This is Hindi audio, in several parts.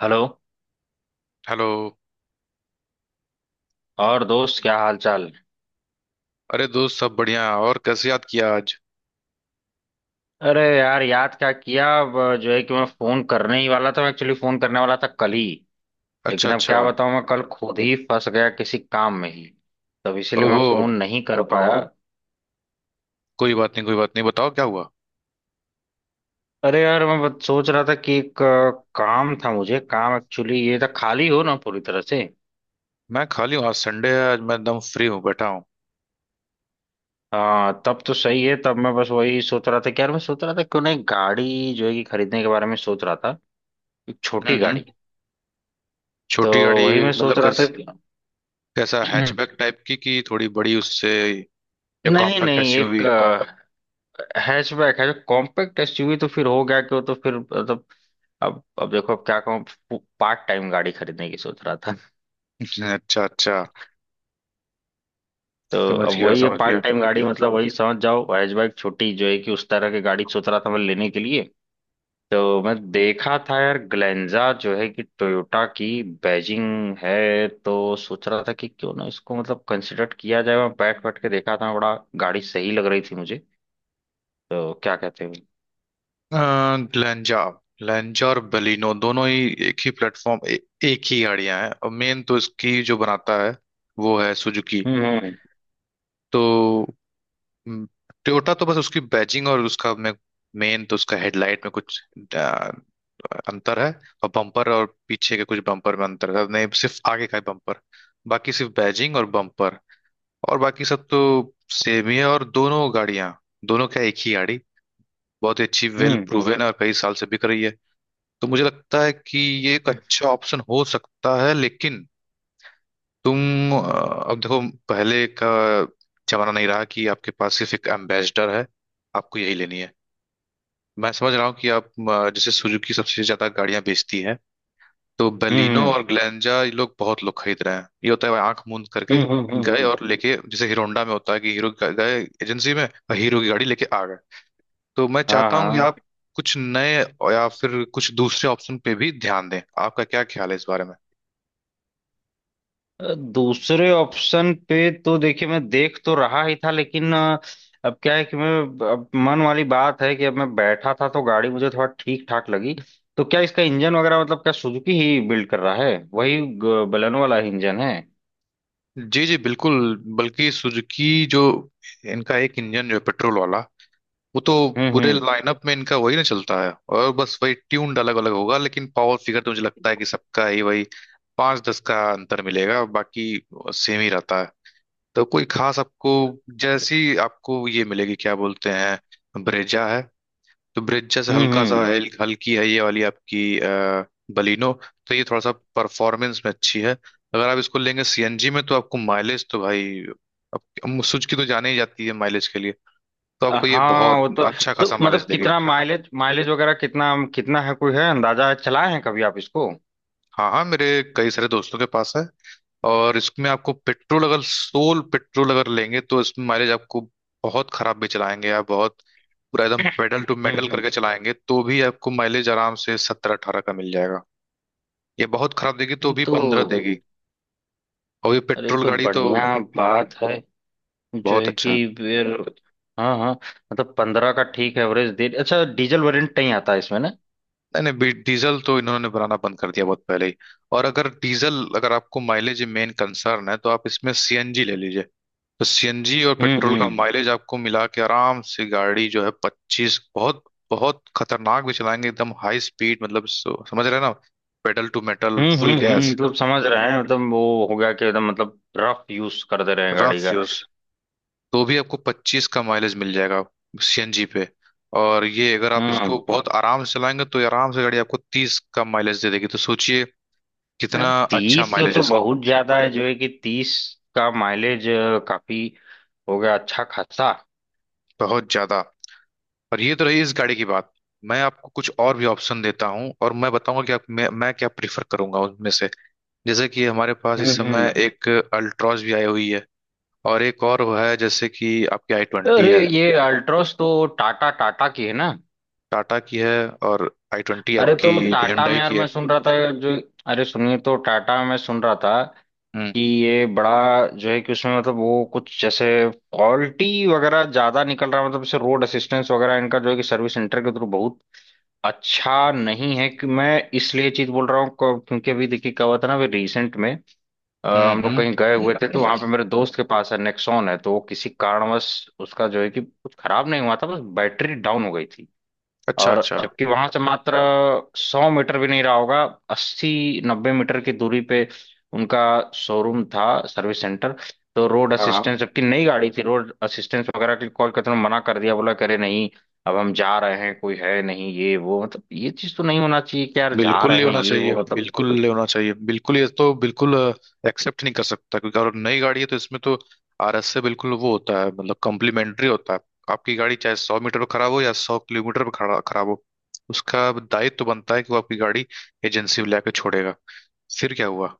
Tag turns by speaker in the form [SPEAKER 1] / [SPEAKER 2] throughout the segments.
[SPEAKER 1] हेलो।
[SPEAKER 2] हेलो।
[SPEAKER 1] और दोस्त, क्या हाल चाल?
[SPEAKER 2] अरे दोस्त, सब बढ़िया। और कैसे याद किया आज?
[SPEAKER 1] अरे यार, याद क्या किया अब? जो है कि मैं फोन करने ही वाला था, मैं एक्चुअली फोन करने वाला था कल ही।
[SPEAKER 2] अच्छा
[SPEAKER 1] लेकिन अब
[SPEAKER 2] अच्छा।
[SPEAKER 1] क्या बताऊं, मैं कल खुद ही फंस गया किसी काम में ही, तब इसीलिए मैं
[SPEAKER 2] ओहो,
[SPEAKER 1] फोन नहीं कर पाया।
[SPEAKER 2] कोई बात नहीं। बताओ क्या हुआ।
[SPEAKER 1] अरे यार, मैं बस सोच रहा था कि एक काम था, मुझे काम एक्चुअली ये था, खाली हो ना पूरी तरह से?
[SPEAKER 2] मैं खाली हूँ, आज संडे है, आज मैं एकदम फ्री हूँ, बैठा हूँ।
[SPEAKER 1] हाँ, तब तो सही है। तब मैं बस वही सोच रहा था कि यार, मैं सोच रहा था क्यों ना एक गाड़ी जो है कि खरीदने के बारे में सोच रहा था, एक छोटी
[SPEAKER 2] हम्म
[SPEAKER 1] गाड़ी।
[SPEAKER 2] हम्म।
[SPEAKER 1] तो
[SPEAKER 2] छोटी
[SPEAKER 1] वही
[SPEAKER 2] गाड़ी
[SPEAKER 1] मैं
[SPEAKER 2] मतलब
[SPEAKER 1] सोच रहा था कि
[SPEAKER 2] कैसा? हैचबैक टाइप की कि थोड़ी बड़ी उससे, या
[SPEAKER 1] नहीं
[SPEAKER 2] कॉम्पैक्ट
[SPEAKER 1] नहीं, एक
[SPEAKER 2] एसयूवी?
[SPEAKER 1] हैचबैक है जो कॉम्पैक्ट एसयूवी तो फिर हो गया क्यों, तो फिर मतलब अब देखो, अब क्या कहूँ, पार्ट टाइम गाड़ी खरीदने की सोच रहा था
[SPEAKER 2] अच्छा अच्छा,
[SPEAKER 1] तो
[SPEAKER 2] समझ
[SPEAKER 1] अब
[SPEAKER 2] गया
[SPEAKER 1] वही है,
[SPEAKER 2] समझ
[SPEAKER 1] पार्ट
[SPEAKER 2] गया
[SPEAKER 1] टाइम गाड़ी मतलब वही समझ जाओ, हैचबैक छोटी जो है कि उस तरह की गाड़ी सोच रहा था मैं लेने के लिए। तो मैं देखा था यार ग्लेंजा, जो है कि टोयोटा की बैजिंग है, तो सोच रहा था कि क्यों ना इसको मतलब कंसिडर किया जाए। मैं बैठ बैठ के देखा था बड़ा, गाड़ी सही लग रही थी मुझे। तो क्या कहते हैं?
[SPEAKER 2] ग्लेंजा। ग्लेंजा और बलिनो दोनों ही एक ही प्लेटफॉर्म एक ही गाड़ियां हैं। और मेन तो इसकी जो बनाता है, वो है सुजुकी।
[SPEAKER 1] हम्म, हम्म,
[SPEAKER 2] तो टोयोटा तो बस उसकी बैजिंग और उसका में, मेन तो उसका हेडलाइट में कुछ आ, अंतर है। और बम्पर, और पीछे के कुछ बम्पर में अंतर है, नहीं सिर्फ आगे का ही बम्पर। बाकी सिर्फ बैजिंग और बम्पर, और बाकी सब तो सेम ही है। और दोनों गाड़ियां, दोनों क्या, एक ही गाड़ी बहुत ही अच्छी, वेल
[SPEAKER 1] हम्म,
[SPEAKER 2] प्रूवन है और कई साल से बिक रही है। तो मुझे लगता है कि ये एक अच्छा ऑप्शन हो सकता है। लेकिन तुम, अब देखो, पहले का जमाना नहीं रहा कि आपके पास सिर्फ एक एम्बेसडर है, आपको यही लेनी है। मैं समझ रहा हूँ कि आप, जैसे सुजुकी सबसे ज्यादा गाड़ियां बेचती है, तो बलिनो
[SPEAKER 1] हम्म,
[SPEAKER 2] और ग्लेंजा ये लोग, बहुत लोग खरीद रहे हैं। ये होता है आंख मूंद करके
[SPEAKER 1] हम्म, हम्म,
[SPEAKER 2] गए
[SPEAKER 1] हम्म।
[SPEAKER 2] और लेके, जैसे हीरो होंडा में होता है कि हीरो गए एजेंसी में और हीरो की गाड़ी लेके आ गए। तो मैं
[SPEAKER 1] हाँ
[SPEAKER 2] चाहता हूँ कि
[SPEAKER 1] हाँ।
[SPEAKER 2] आप कुछ नए या फिर कुछ दूसरे ऑप्शन पे भी ध्यान दें। आपका क्या ख्याल है इस बारे में?
[SPEAKER 1] दूसरे ऑप्शन पे तो देखिए मैं देख तो रहा ही था, लेकिन अब क्या है कि मैं, अब मन वाली बात है कि अब मैं बैठा था तो गाड़ी मुझे थोड़ा ठीक ठाक लगी। तो क्या इसका इंजन वगैरह मतलब, क्या सुजुकी ही बिल्ड कर रहा है? वही बलेनो वाला इंजन है?
[SPEAKER 2] जी जी बिल्कुल। बल्कि सुजुकी जो, इनका एक इंजन जो है, पेट्रोल वाला, वो तो
[SPEAKER 1] हम्म,
[SPEAKER 2] पूरे
[SPEAKER 1] हम्म,
[SPEAKER 2] लाइनअप में इनका वही ना चलता है। और बस वही ट्यून अलग अलग होगा, लेकिन पावर फिगर तो मुझे लगता है कि सबका ही वही, 5 10 का अंतर मिलेगा, बाकी सेम ही रहता है। तो कोई खास आपको, जैसी आपको ये मिलेगी, क्या बोलते हैं, ब्रेजा है, तो ब्रिज जैसे
[SPEAKER 1] हम्म,
[SPEAKER 2] हल्का सा
[SPEAKER 1] हम्म।
[SPEAKER 2] हल्की है ये वाली आपकी बलिनो। तो ये थोड़ा सा परफॉर्मेंस में अच्छी है। अगर आप इसको लेंगे सीएनजी में, तो आपको माइलेज तो भाई, अब सुजुकी तो जाने ही जाती है माइलेज के लिए, तो आपको ये
[SPEAKER 1] हाँ,
[SPEAKER 2] बहुत
[SPEAKER 1] वो तो।
[SPEAKER 2] अच्छा
[SPEAKER 1] तो
[SPEAKER 2] खासा माइलेज
[SPEAKER 1] मतलब
[SPEAKER 2] देगी।
[SPEAKER 1] कितना माइलेज, माइलेज वगैरह कितना कितना है, कोई है अंदाजा, है चलाए हैं कभी आप इसको?
[SPEAKER 2] हाँ हाँ, मेरे कई सारे दोस्तों के पास है। और इसमें आपको पेट्रोल अगर, सोल पेट्रोल अगर लेंगे, तो इसमें माइलेज आपको, बहुत खराब भी चलाएंगे आप, बहुत पूरा एकदम पेडल टू मेटल
[SPEAKER 1] हम्म,
[SPEAKER 2] करके चलाएंगे तो भी आपको माइलेज आराम से 17 18 का मिल जाएगा। ये बहुत खराब देगी तो
[SPEAKER 1] हम्म।
[SPEAKER 2] भी
[SPEAKER 1] तो
[SPEAKER 2] 15 देगी। और ये
[SPEAKER 1] अरे, ये
[SPEAKER 2] पेट्रोल
[SPEAKER 1] तो
[SPEAKER 2] गाड़ी तो
[SPEAKER 1] बढ़िया बात है जो
[SPEAKER 2] बहुत
[SPEAKER 1] है
[SPEAKER 2] अच्छा
[SPEAKER 1] कि।
[SPEAKER 2] है।
[SPEAKER 1] फिर हाँ हाँ, मतलब 15 का ठीक एवरेज दे, अच्छा। डीजल वेरिएंट नहीं आता है इसमें ना?
[SPEAKER 2] नहीं नहीं, डीजल तो इन्होंने बनाना बंद कर दिया बहुत पहले ही। और अगर डीजल, अगर आपको माइलेज मेन कंसर्न है, तो आप इसमें सीएनजी ले लीजिए। तो सीएनजी और
[SPEAKER 1] हम्म,
[SPEAKER 2] पेट्रोल का
[SPEAKER 1] हम्म,
[SPEAKER 2] माइलेज आपको मिला के आराम से गाड़ी जो है 25, बहुत बहुत खतरनाक भी चलाएंगे, एकदम हाई स्पीड मतलब समझ रहे हैं ना, pedal to metal
[SPEAKER 1] hmm,
[SPEAKER 2] full
[SPEAKER 1] hmm,
[SPEAKER 2] gas
[SPEAKER 1] मतलब समझ रहे हैं, मतलब वो हो गया कि एकदम मतलब रफ यूज कर दे रहे हैं गाड़ी
[SPEAKER 2] रफ
[SPEAKER 1] का।
[SPEAKER 2] यूज, तो भी आपको 25 का माइलेज मिल जाएगा सीएनजी पे। और ये अगर आप
[SPEAKER 1] हम्म।
[SPEAKER 2] इसको बहुत आराम से चलाएंगे तो ये आराम से गाड़ी आपको 30 का माइलेज दे देगी। तो सोचिए
[SPEAKER 1] यार
[SPEAKER 2] कितना अच्छा
[SPEAKER 1] 30
[SPEAKER 2] माइलेज है
[SPEAKER 1] तो
[SPEAKER 2] इसका,
[SPEAKER 1] बहुत ज्यादा है, जो है कि 30 का माइलेज, काफी हो गया अच्छा खासा।
[SPEAKER 2] बहुत ज्यादा। और ये तो रही इस गाड़ी की बात। मैं आपको कुछ और भी ऑप्शन देता हूँ, और मैं बताऊंगा कि आप, मैं क्या प्रीफर करूंगा उनमें से। जैसे कि हमारे पास
[SPEAKER 1] हम्म,
[SPEAKER 2] इस समय
[SPEAKER 1] हम्म।
[SPEAKER 2] एक अल्ट्रॉज भी आई हुई है। और एक और है जैसे कि आपकी आई ट्वेंटी
[SPEAKER 1] अरे,
[SPEAKER 2] है।
[SPEAKER 1] ये अल्ट्रोस तो टाटा टाटा की है ना?
[SPEAKER 2] टाटा की है, और आई ट्वेंटी
[SPEAKER 1] अरे
[SPEAKER 2] आपकी
[SPEAKER 1] तो टाटा में
[SPEAKER 2] Hyundai
[SPEAKER 1] यार
[SPEAKER 2] की
[SPEAKER 1] मैं
[SPEAKER 2] है।
[SPEAKER 1] सुन रहा था जो, अरे सुनिए, तो टाटा में मैं सुन रहा था
[SPEAKER 2] हम्म
[SPEAKER 1] कि ये बड़ा, जो है कि उसमें मतलब वो कुछ जैसे फॉल्टी वगैरह ज्यादा निकल रहा है, मतलब जैसे रोड असिस्टेंस वगैरह इनका जो है कि सर्विस सेंटर के थ्रू बहुत अच्छा नहीं है। कि मैं इसलिए चीज बोल रहा हूँ क्योंकि अभी देखिए क्या हुआ था ना, अभी रिसेंट में, हम लोग
[SPEAKER 2] हम्म।
[SPEAKER 1] कहीं गए हुए थे तो वहां पे मेरे दोस्त के पास है, नेक्सॉन है। तो वो किसी कारणवश उसका जो है कि कुछ खराब नहीं हुआ था, बस बैटरी डाउन हो गई थी।
[SPEAKER 2] अच्छा
[SPEAKER 1] और
[SPEAKER 2] अच्छा।
[SPEAKER 1] जबकि वहां से मात्र 100 मीटर भी नहीं रहा होगा, 80-90 मीटर की दूरी पे उनका शोरूम था, सर्विस सेंटर। तो रोड
[SPEAKER 2] हाँ हाँ,
[SPEAKER 1] असिस्टेंस, जबकि नई गाड़ी थी, रोड असिस्टेंस वगैरह के कॉल करते हुए मना कर दिया, बोला करे नहीं, अब हम जा रहे हैं, कोई है नहीं, ये वो मतलब। ये चीज तो नहीं होना चाहिए कि यार जा
[SPEAKER 2] बिल्कुल
[SPEAKER 1] रहे
[SPEAKER 2] नहीं
[SPEAKER 1] हैं,
[SPEAKER 2] होना
[SPEAKER 1] ये
[SPEAKER 2] चाहिए,
[SPEAKER 1] वो मतलब।
[SPEAKER 2] बिल्कुल नहीं होना चाहिए, बिल्कुल, ये तो बिल्कुल एक्सेप्ट नहीं कर सकता। क्योंकि अगर नई गाड़ी है तो इसमें तो आरएस से बिल्कुल वो होता है, मतलब कॉम्प्लीमेंट्री होता है। आपकी गाड़ी चाहे 100 मीटर पर खराब हो या 100 किलोमीटर पर खड़ा खराब हो, उसका दायित्व तो बनता है कि वो आपकी गाड़ी एजेंसी में लाके छोड़ेगा। फिर क्या हुआ?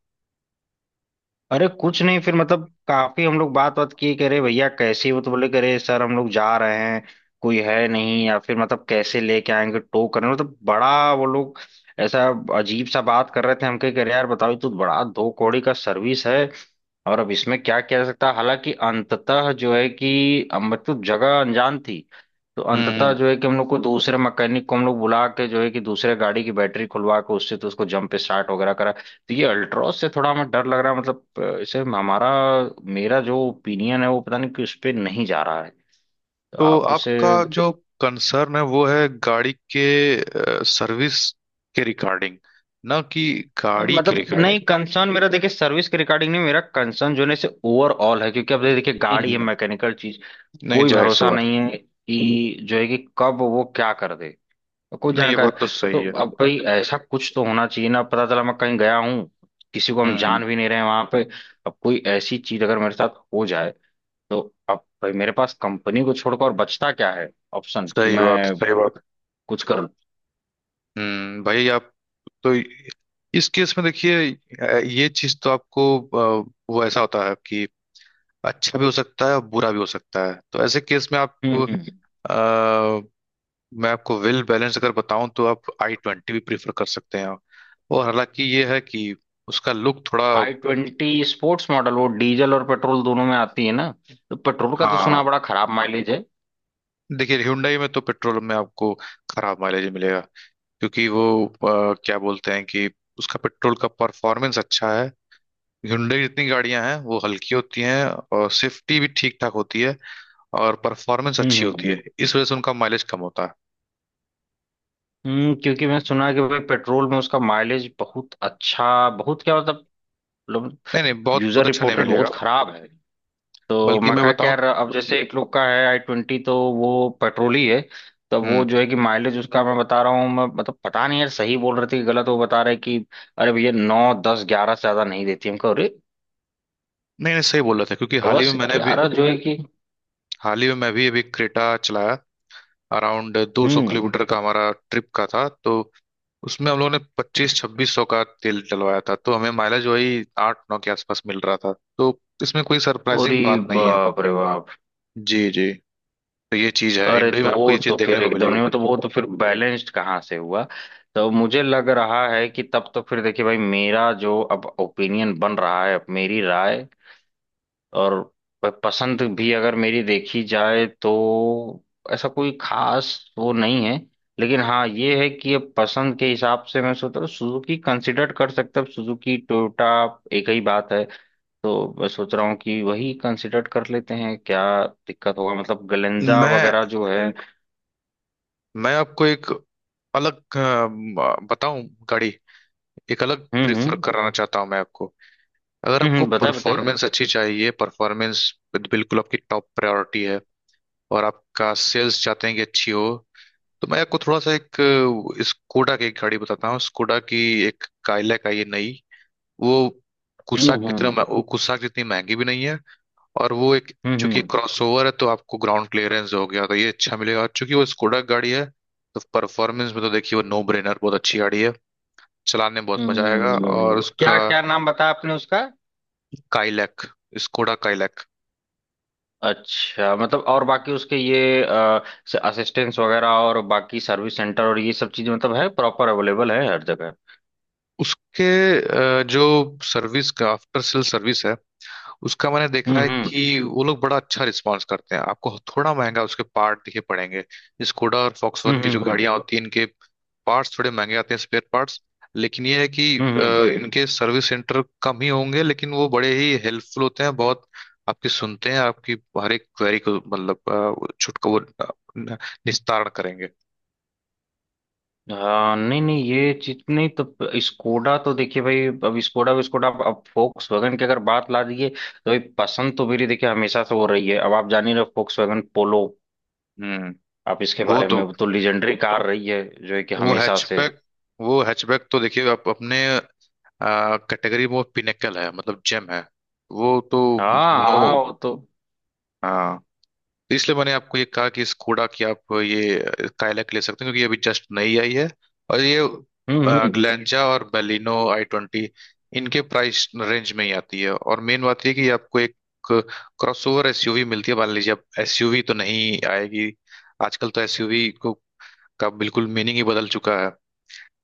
[SPEAKER 1] अरे कुछ नहीं, फिर मतलब काफी हम लोग बात बात किए, कह रहे भैया कैसे हो, तो बोले, कह रहे सर हम लोग जा रहे हैं, कोई है नहीं, या फिर मतलब कैसे लेके आएंगे टो करने, मतलब बड़ा वो लोग ऐसा अजीब सा बात कर रहे थे। हम कह कह रहे यार बताओ, ये तो बड़ा दो कौड़ी का सर्विस है। और अब इसमें क्या किया जा सकता है, हालांकि अंततः जो है कि मतलब जगह अनजान थी, तो अंततः
[SPEAKER 2] हम्म।
[SPEAKER 1] जो है कि हम लोग को दूसरे मैकेनिक को हम लोग बुला के, जो है कि दूसरे गाड़ी की बैटरी खुलवा के उससे, तो उसको जंप स्टार्ट वगैरह करा। तो ये अल्ट्रॉस से थोड़ा हमें डर लग रहा है, मतलब इसे हमारा, मेरा जो ओपिनियन है, वो पता नहीं कि उस पर नहीं जा रहा है। तो
[SPEAKER 2] तो
[SPEAKER 1] आप उसे
[SPEAKER 2] आपका जो कंसर्न है, वो है गाड़ी के सर्विस के रिगार्डिंग, ना कि गाड़ी के
[SPEAKER 1] मतलब,
[SPEAKER 2] रिगार्डिंग।
[SPEAKER 1] नहीं कंसर्न मेरा देखिए सर्विस के रिगार्डिंग नहीं, मेरा कंसर्न जो है ना, इसे ओवरऑल है, क्योंकि अब देखिए गाड़ी है
[SPEAKER 2] हम्म,
[SPEAKER 1] मैकेनिकल चीज,
[SPEAKER 2] नहीं
[SPEAKER 1] कोई
[SPEAKER 2] जाहिर सी
[SPEAKER 1] भरोसा
[SPEAKER 2] बात है।
[SPEAKER 1] नहीं है कि जो है कि कब वो क्या कर दे, कोई
[SPEAKER 2] नहीं ये
[SPEAKER 1] जानकारी।
[SPEAKER 2] बात तो
[SPEAKER 1] तो
[SPEAKER 2] सही है।
[SPEAKER 1] अब भाई ऐसा कुछ तो होना चाहिए ना, पता चला मैं कहीं गया हूँ, किसी को हम
[SPEAKER 2] हम्म।
[SPEAKER 1] जान भी नहीं रहे हैं वहां पे, अब कोई ऐसी चीज अगर मेरे साथ हो जाए, तो अब भाई, मेरे पास कंपनी को छोड़कर और बचता क्या है ऑप्शन कि
[SPEAKER 2] सही बात,
[SPEAKER 1] मैं
[SPEAKER 2] सही बात।
[SPEAKER 1] कुछ करूं?
[SPEAKER 2] हम्म, भाई आप तो, इस केस में देखिए, ये चीज तो आपको, वो ऐसा होता है कि अच्छा भी हो सकता है और बुरा भी हो सकता है। तो ऐसे केस में आप,
[SPEAKER 1] हम्म।
[SPEAKER 2] अ, मैं आपको वेल बैलेंस अगर बताऊं तो आप आई ट्वेंटी भी प्रीफर कर सकते हैं। और हालांकि ये है कि उसका लुक थोड़ा,
[SPEAKER 1] i20 स्पोर्ट्स मॉडल, वो डीजल और पेट्रोल दोनों में आती है ना? तो पेट्रोल का तो सुना
[SPEAKER 2] हाँ।
[SPEAKER 1] बड़ा खराब माइलेज है।
[SPEAKER 2] देखिए Hyundai में तो पेट्रोल में आपको खराब माइलेज मिलेगा। क्योंकि वो, क्या बोलते हैं कि उसका पेट्रोल का परफॉर्मेंस अच्छा है। hyundai की जितनी गाड़ियां हैं वो हल्की होती हैं, और सेफ्टी भी ठीक ठाक होती है, और परफॉर्मेंस
[SPEAKER 1] हम्म,
[SPEAKER 2] अच्छी
[SPEAKER 1] हम्म,
[SPEAKER 2] होती है, इस वजह से उनका माइलेज कम होता है।
[SPEAKER 1] क्योंकि मैं सुना कि भाई पेट्रोल में उसका माइलेज बहुत अच्छा, बहुत क्या मतलब
[SPEAKER 2] नहीं नहीं, बहुत
[SPEAKER 1] यूजर
[SPEAKER 2] बहुत अच्छा नहीं
[SPEAKER 1] रिपोर्टेड बहुत
[SPEAKER 2] मिलेगा।
[SPEAKER 1] खराब है। तो
[SPEAKER 2] बल्कि मैं
[SPEAKER 1] मका क्या
[SPEAKER 2] बताऊं,
[SPEAKER 1] यार, अब जैसे एक लोग का है i20, तो वो पेट्रोल ही है। तब वो
[SPEAKER 2] हम्म,
[SPEAKER 1] जो है कि माइलेज उसका, मैं बता रहा हूँ मैं, मतलब पता नहीं यार सही बोल रहे थे कि गलत। वो बता रहे कि अरे भैया 9-10-11 से ज्यादा नहीं देती हमको, अरे
[SPEAKER 2] नहीं नहीं, सही बोल रहा था। क्योंकि हाल ही में
[SPEAKER 1] दस
[SPEAKER 2] मैंने भी,
[SPEAKER 1] ग्यारह जो है कि।
[SPEAKER 2] हाल ही में मैं भी अभी क्रेटा चलाया, अराउंड 200
[SPEAKER 1] हम्म।
[SPEAKER 2] किलोमीटर का हमारा ट्रिप का था, तो उसमें हम लोगों ने 2500 2600 का तेल डलवाया था, तो हमें माइलेज वही 8 9 के आसपास मिल रहा था। तो इसमें कोई
[SPEAKER 1] अरे
[SPEAKER 2] सरप्राइजिंग बात नहीं है।
[SPEAKER 1] बाप रे बाप।
[SPEAKER 2] जी जी। तो ये चीज है,
[SPEAKER 1] अरे
[SPEAKER 2] हिंडई
[SPEAKER 1] तो
[SPEAKER 2] में आपको
[SPEAKER 1] वो
[SPEAKER 2] ये चीज
[SPEAKER 1] तो
[SPEAKER 2] देखने
[SPEAKER 1] फिर
[SPEAKER 2] को
[SPEAKER 1] एकदम
[SPEAKER 2] मिलेगी।
[SPEAKER 1] नहीं, तो वो तो फिर बैलेंस्ड कहाँ से हुआ? तो मुझे लग रहा है कि तब तो फिर देखिए भाई, मेरा जो अब ओपिनियन बन रहा है, अब मेरी राय और पसंद भी अगर मेरी देखी जाए तो, ऐसा कोई खास वो नहीं है। लेकिन हाँ ये है कि अब पसंद के हिसाब से मैं सोच रहा हूँ सुजुकी कंसिडर कर सकता हूँ, सुजुकी टोयोटा एक ही बात है। तो मैं सोच रहा हूँ कि वही कंसिडर कर लेते हैं, क्या दिक्कत होगा, मतलब गलेंजा
[SPEAKER 2] मैं
[SPEAKER 1] वगैरह जो है।
[SPEAKER 2] मैं आपको एक अलग, बताऊं, गाड़ी एक अलग
[SPEAKER 1] हम्म,
[SPEAKER 2] प्रीफर
[SPEAKER 1] हम्म,
[SPEAKER 2] कराना चाहता हूं मैं आपको। अगर
[SPEAKER 1] हम्म,
[SPEAKER 2] आपको
[SPEAKER 1] बताइए बताइए।
[SPEAKER 2] परफॉर्मेंस अच्छी चाहिए, परफॉर्मेंस बिल्कुल आपकी टॉप प्रायोरिटी है, और आपका सेल्स चाहते हैं कि अच्छी हो, तो मैं आपको थोड़ा सा एक, स्कोडा की एक गाड़ी बताता हूँ। स्कोडा की एक काइलैक आई है नई। वो
[SPEAKER 1] हम्म,
[SPEAKER 2] कुसाक
[SPEAKER 1] हम्म,
[SPEAKER 2] कितना,
[SPEAKER 1] हम्म,
[SPEAKER 2] वो कुसाक जितनी महंगी भी नहीं है। और वो एक,
[SPEAKER 1] हम्म,
[SPEAKER 2] चूंकि क्रॉसओवर है, तो आपको ग्राउंड क्लियरेंस हो गया तो ये अच्छा मिलेगा। और चूंकि वो स्कोडा गाड़ी है, तो परफॉर्मेंस में तो देखिए वो नो ब्रेनर, बहुत अच्छी गाड़ी है। चलाने में बहुत मजा आएगा। और उसका
[SPEAKER 1] क्या क्या नाम बताया आपने उसका?
[SPEAKER 2] Kylaq, Skoda Kylaq.
[SPEAKER 1] अच्छा, मतलब और बाकी उसके ये असिस्टेंस वगैरह और बाकी सर्विस सेंटर और ये सब चीजें मतलब है प्रॉपर अवेलेबल है हर जगह?
[SPEAKER 2] उसके, जो सर्विस का आफ्टर सेल सर्विस है, उसका मैंने
[SPEAKER 1] हम्म,
[SPEAKER 2] देखा है
[SPEAKER 1] हम्म,
[SPEAKER 2] कि वो लोग बड़ा अच्छा रिस्पॉन्स करते हैं। आपको थोड़ा महंगा उसके पार्ट दिखे पड़ेंगे। स्कोडा और फॉक्सवैगन
[SPEAKER 1] हम्म,
[SPEAKER 2] की जो
[SPEAKER 1] हम्म,
[SPEAKER 2] गाड़ियां होती हैं, इनके पार्ट्स थोड़े महंगे आते हैं, स्पेयर पार्ट्स। लेकिन ये है कि,
[SPEAKER 1] हम्म,
[SPEAKER 2] अ,
[SPEAKER 1] हम्म।
[SPEAKER 2] इनके सर्विस सेंटर कम ही होंगे, लेकिन वो बड़े ही हेल्पफुल होते हैं। बहुत आपकी सुनते हैं, आपकी हर एक क्वेरी को, मतलब, छुटका वो, निस्तारण करेंगे।
[SPEAKER 1] हाँ, नहीं नहीं, ये चीज नहीं। तो स्कोडा तो देखिए भाई, अब स्कोडा विस्कोडा, अब वैगन की अगर बात ला दीजिए तो भाई, पसंद तो मेरी देखिए हमेशा से हो रही है, अब आप जान ही रहे, फोक्स वैगन पोलो
[SPEAKER 2] हम्म।
[SPEAKER 1] आप इसके
[SPEAKER 2] वो
[SPEAKER 1] बारे में,
[SPEAKER 2] तो,
[SPEAKER 1] वो तो लीजेंडरी कार रही है जो है कि
[SPEAKER 2] वो
[SPEAKER 1] हमेशा से।
[SPEAKER 2] हैचबैक वो हैचबैक तो देखिए, आप अपने कैटेगरी में पिनेकल है, मतलब जेम है। वो तो
[SPEAKER 1] हाँ
[SPEAKER 2] नो।
[SPEAKER 1] हाँ, वो तो।
[SPEAKER 2] तो इसलिए मैंने आपको ये कहा कि इस कूड़ा की आप ये काइलैक ले सकते हैं। क्योंकि ये अभी जस्ट नई आई है। और ये
[SPEAKER 1] हम्म, हम्म,
[SPEAKER 2] ग्लेंजा और बेलिनो, आई ट्वेंटी, इनके प्राइस रेंज में ही आती है। और मेन बात ये है कि ये आपको एक क्रॉसओवर एसयूवी मिलती है। मान लीजिए, अब एसयूवी तो नहीं आएगी, आजकल तो एसयूवी को का बिल्कुल मीनिंग ही बदल चुका है।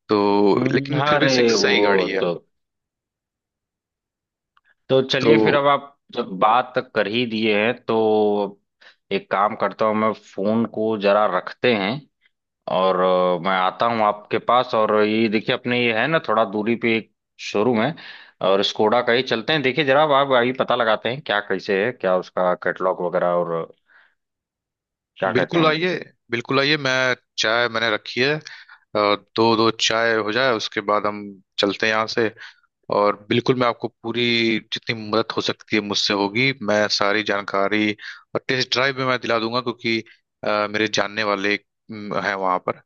[SPEAKER 2] तो लेकिन फिर भी
[SPEAKER 1] अरे
[SPEAKER 2] सिक्स सही
[SPEAKER 1] वो
[SPEAKER 2] गाड़ी है।
[SPEAKER 1] तो। तो
[SPEAKER 2] तो
[SPEAKER 1] चलिए फिर, अब आप जब बात कर ही दिए हैं तो, एक काम करता हूँ, मैं फोन को जरा रखते हैं, और मैं आता हूँ आपके पास। और ये देखिए, अपने ये है ना थोड़ा दूरी पे एक शोरूम है, और स्कोडा का ही चलते हैं। देखिए जरा, अब आप आइए, पता लगाते हैं क्या कैसे है, क्या उसका कैटलॉग वगैरह और, क्या कहते
[SPEAKER 2] बिल्कुल
[SPEAKER 1] हैं?
[SPEAKER 2] आइए, बिल्कुल आइए। मैं चाय मैंने रखी है, और दो दो चाय हो जाए, उसके बाद हम चलते हैं यहाँ से। और बिल्कुल मैं आपको पूरी जितनी मदद हो सकती है मुझसे, होगी। मैं सारी जानकारी और टेस्ट ड्राइव भी मैं दिला दूंगा। क्योंकि मेरे जानने वाले हैं वहाँ पर।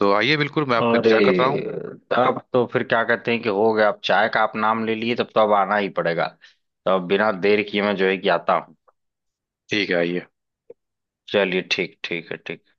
[SPEAKER 2] तो आइए, बिल्कुल मैं आपका
[SPEAKER 1] अरे,
[SPEAKER 2] इंतजार कर रहा हूँ।
[SPEAKER 1] तब तो फिर क्या कहते हैं कि हो गया, अब चाय का आप नाम ले लिए तब तो अब आना ही पड़ेगा। तो अब बिना देर किए मैं जो है कि आता हूँ।
[SPEAKER 2] ठीक है, आइए।
[SPEAKER 1] चलिए, ठीक, ठीक है, ठीक।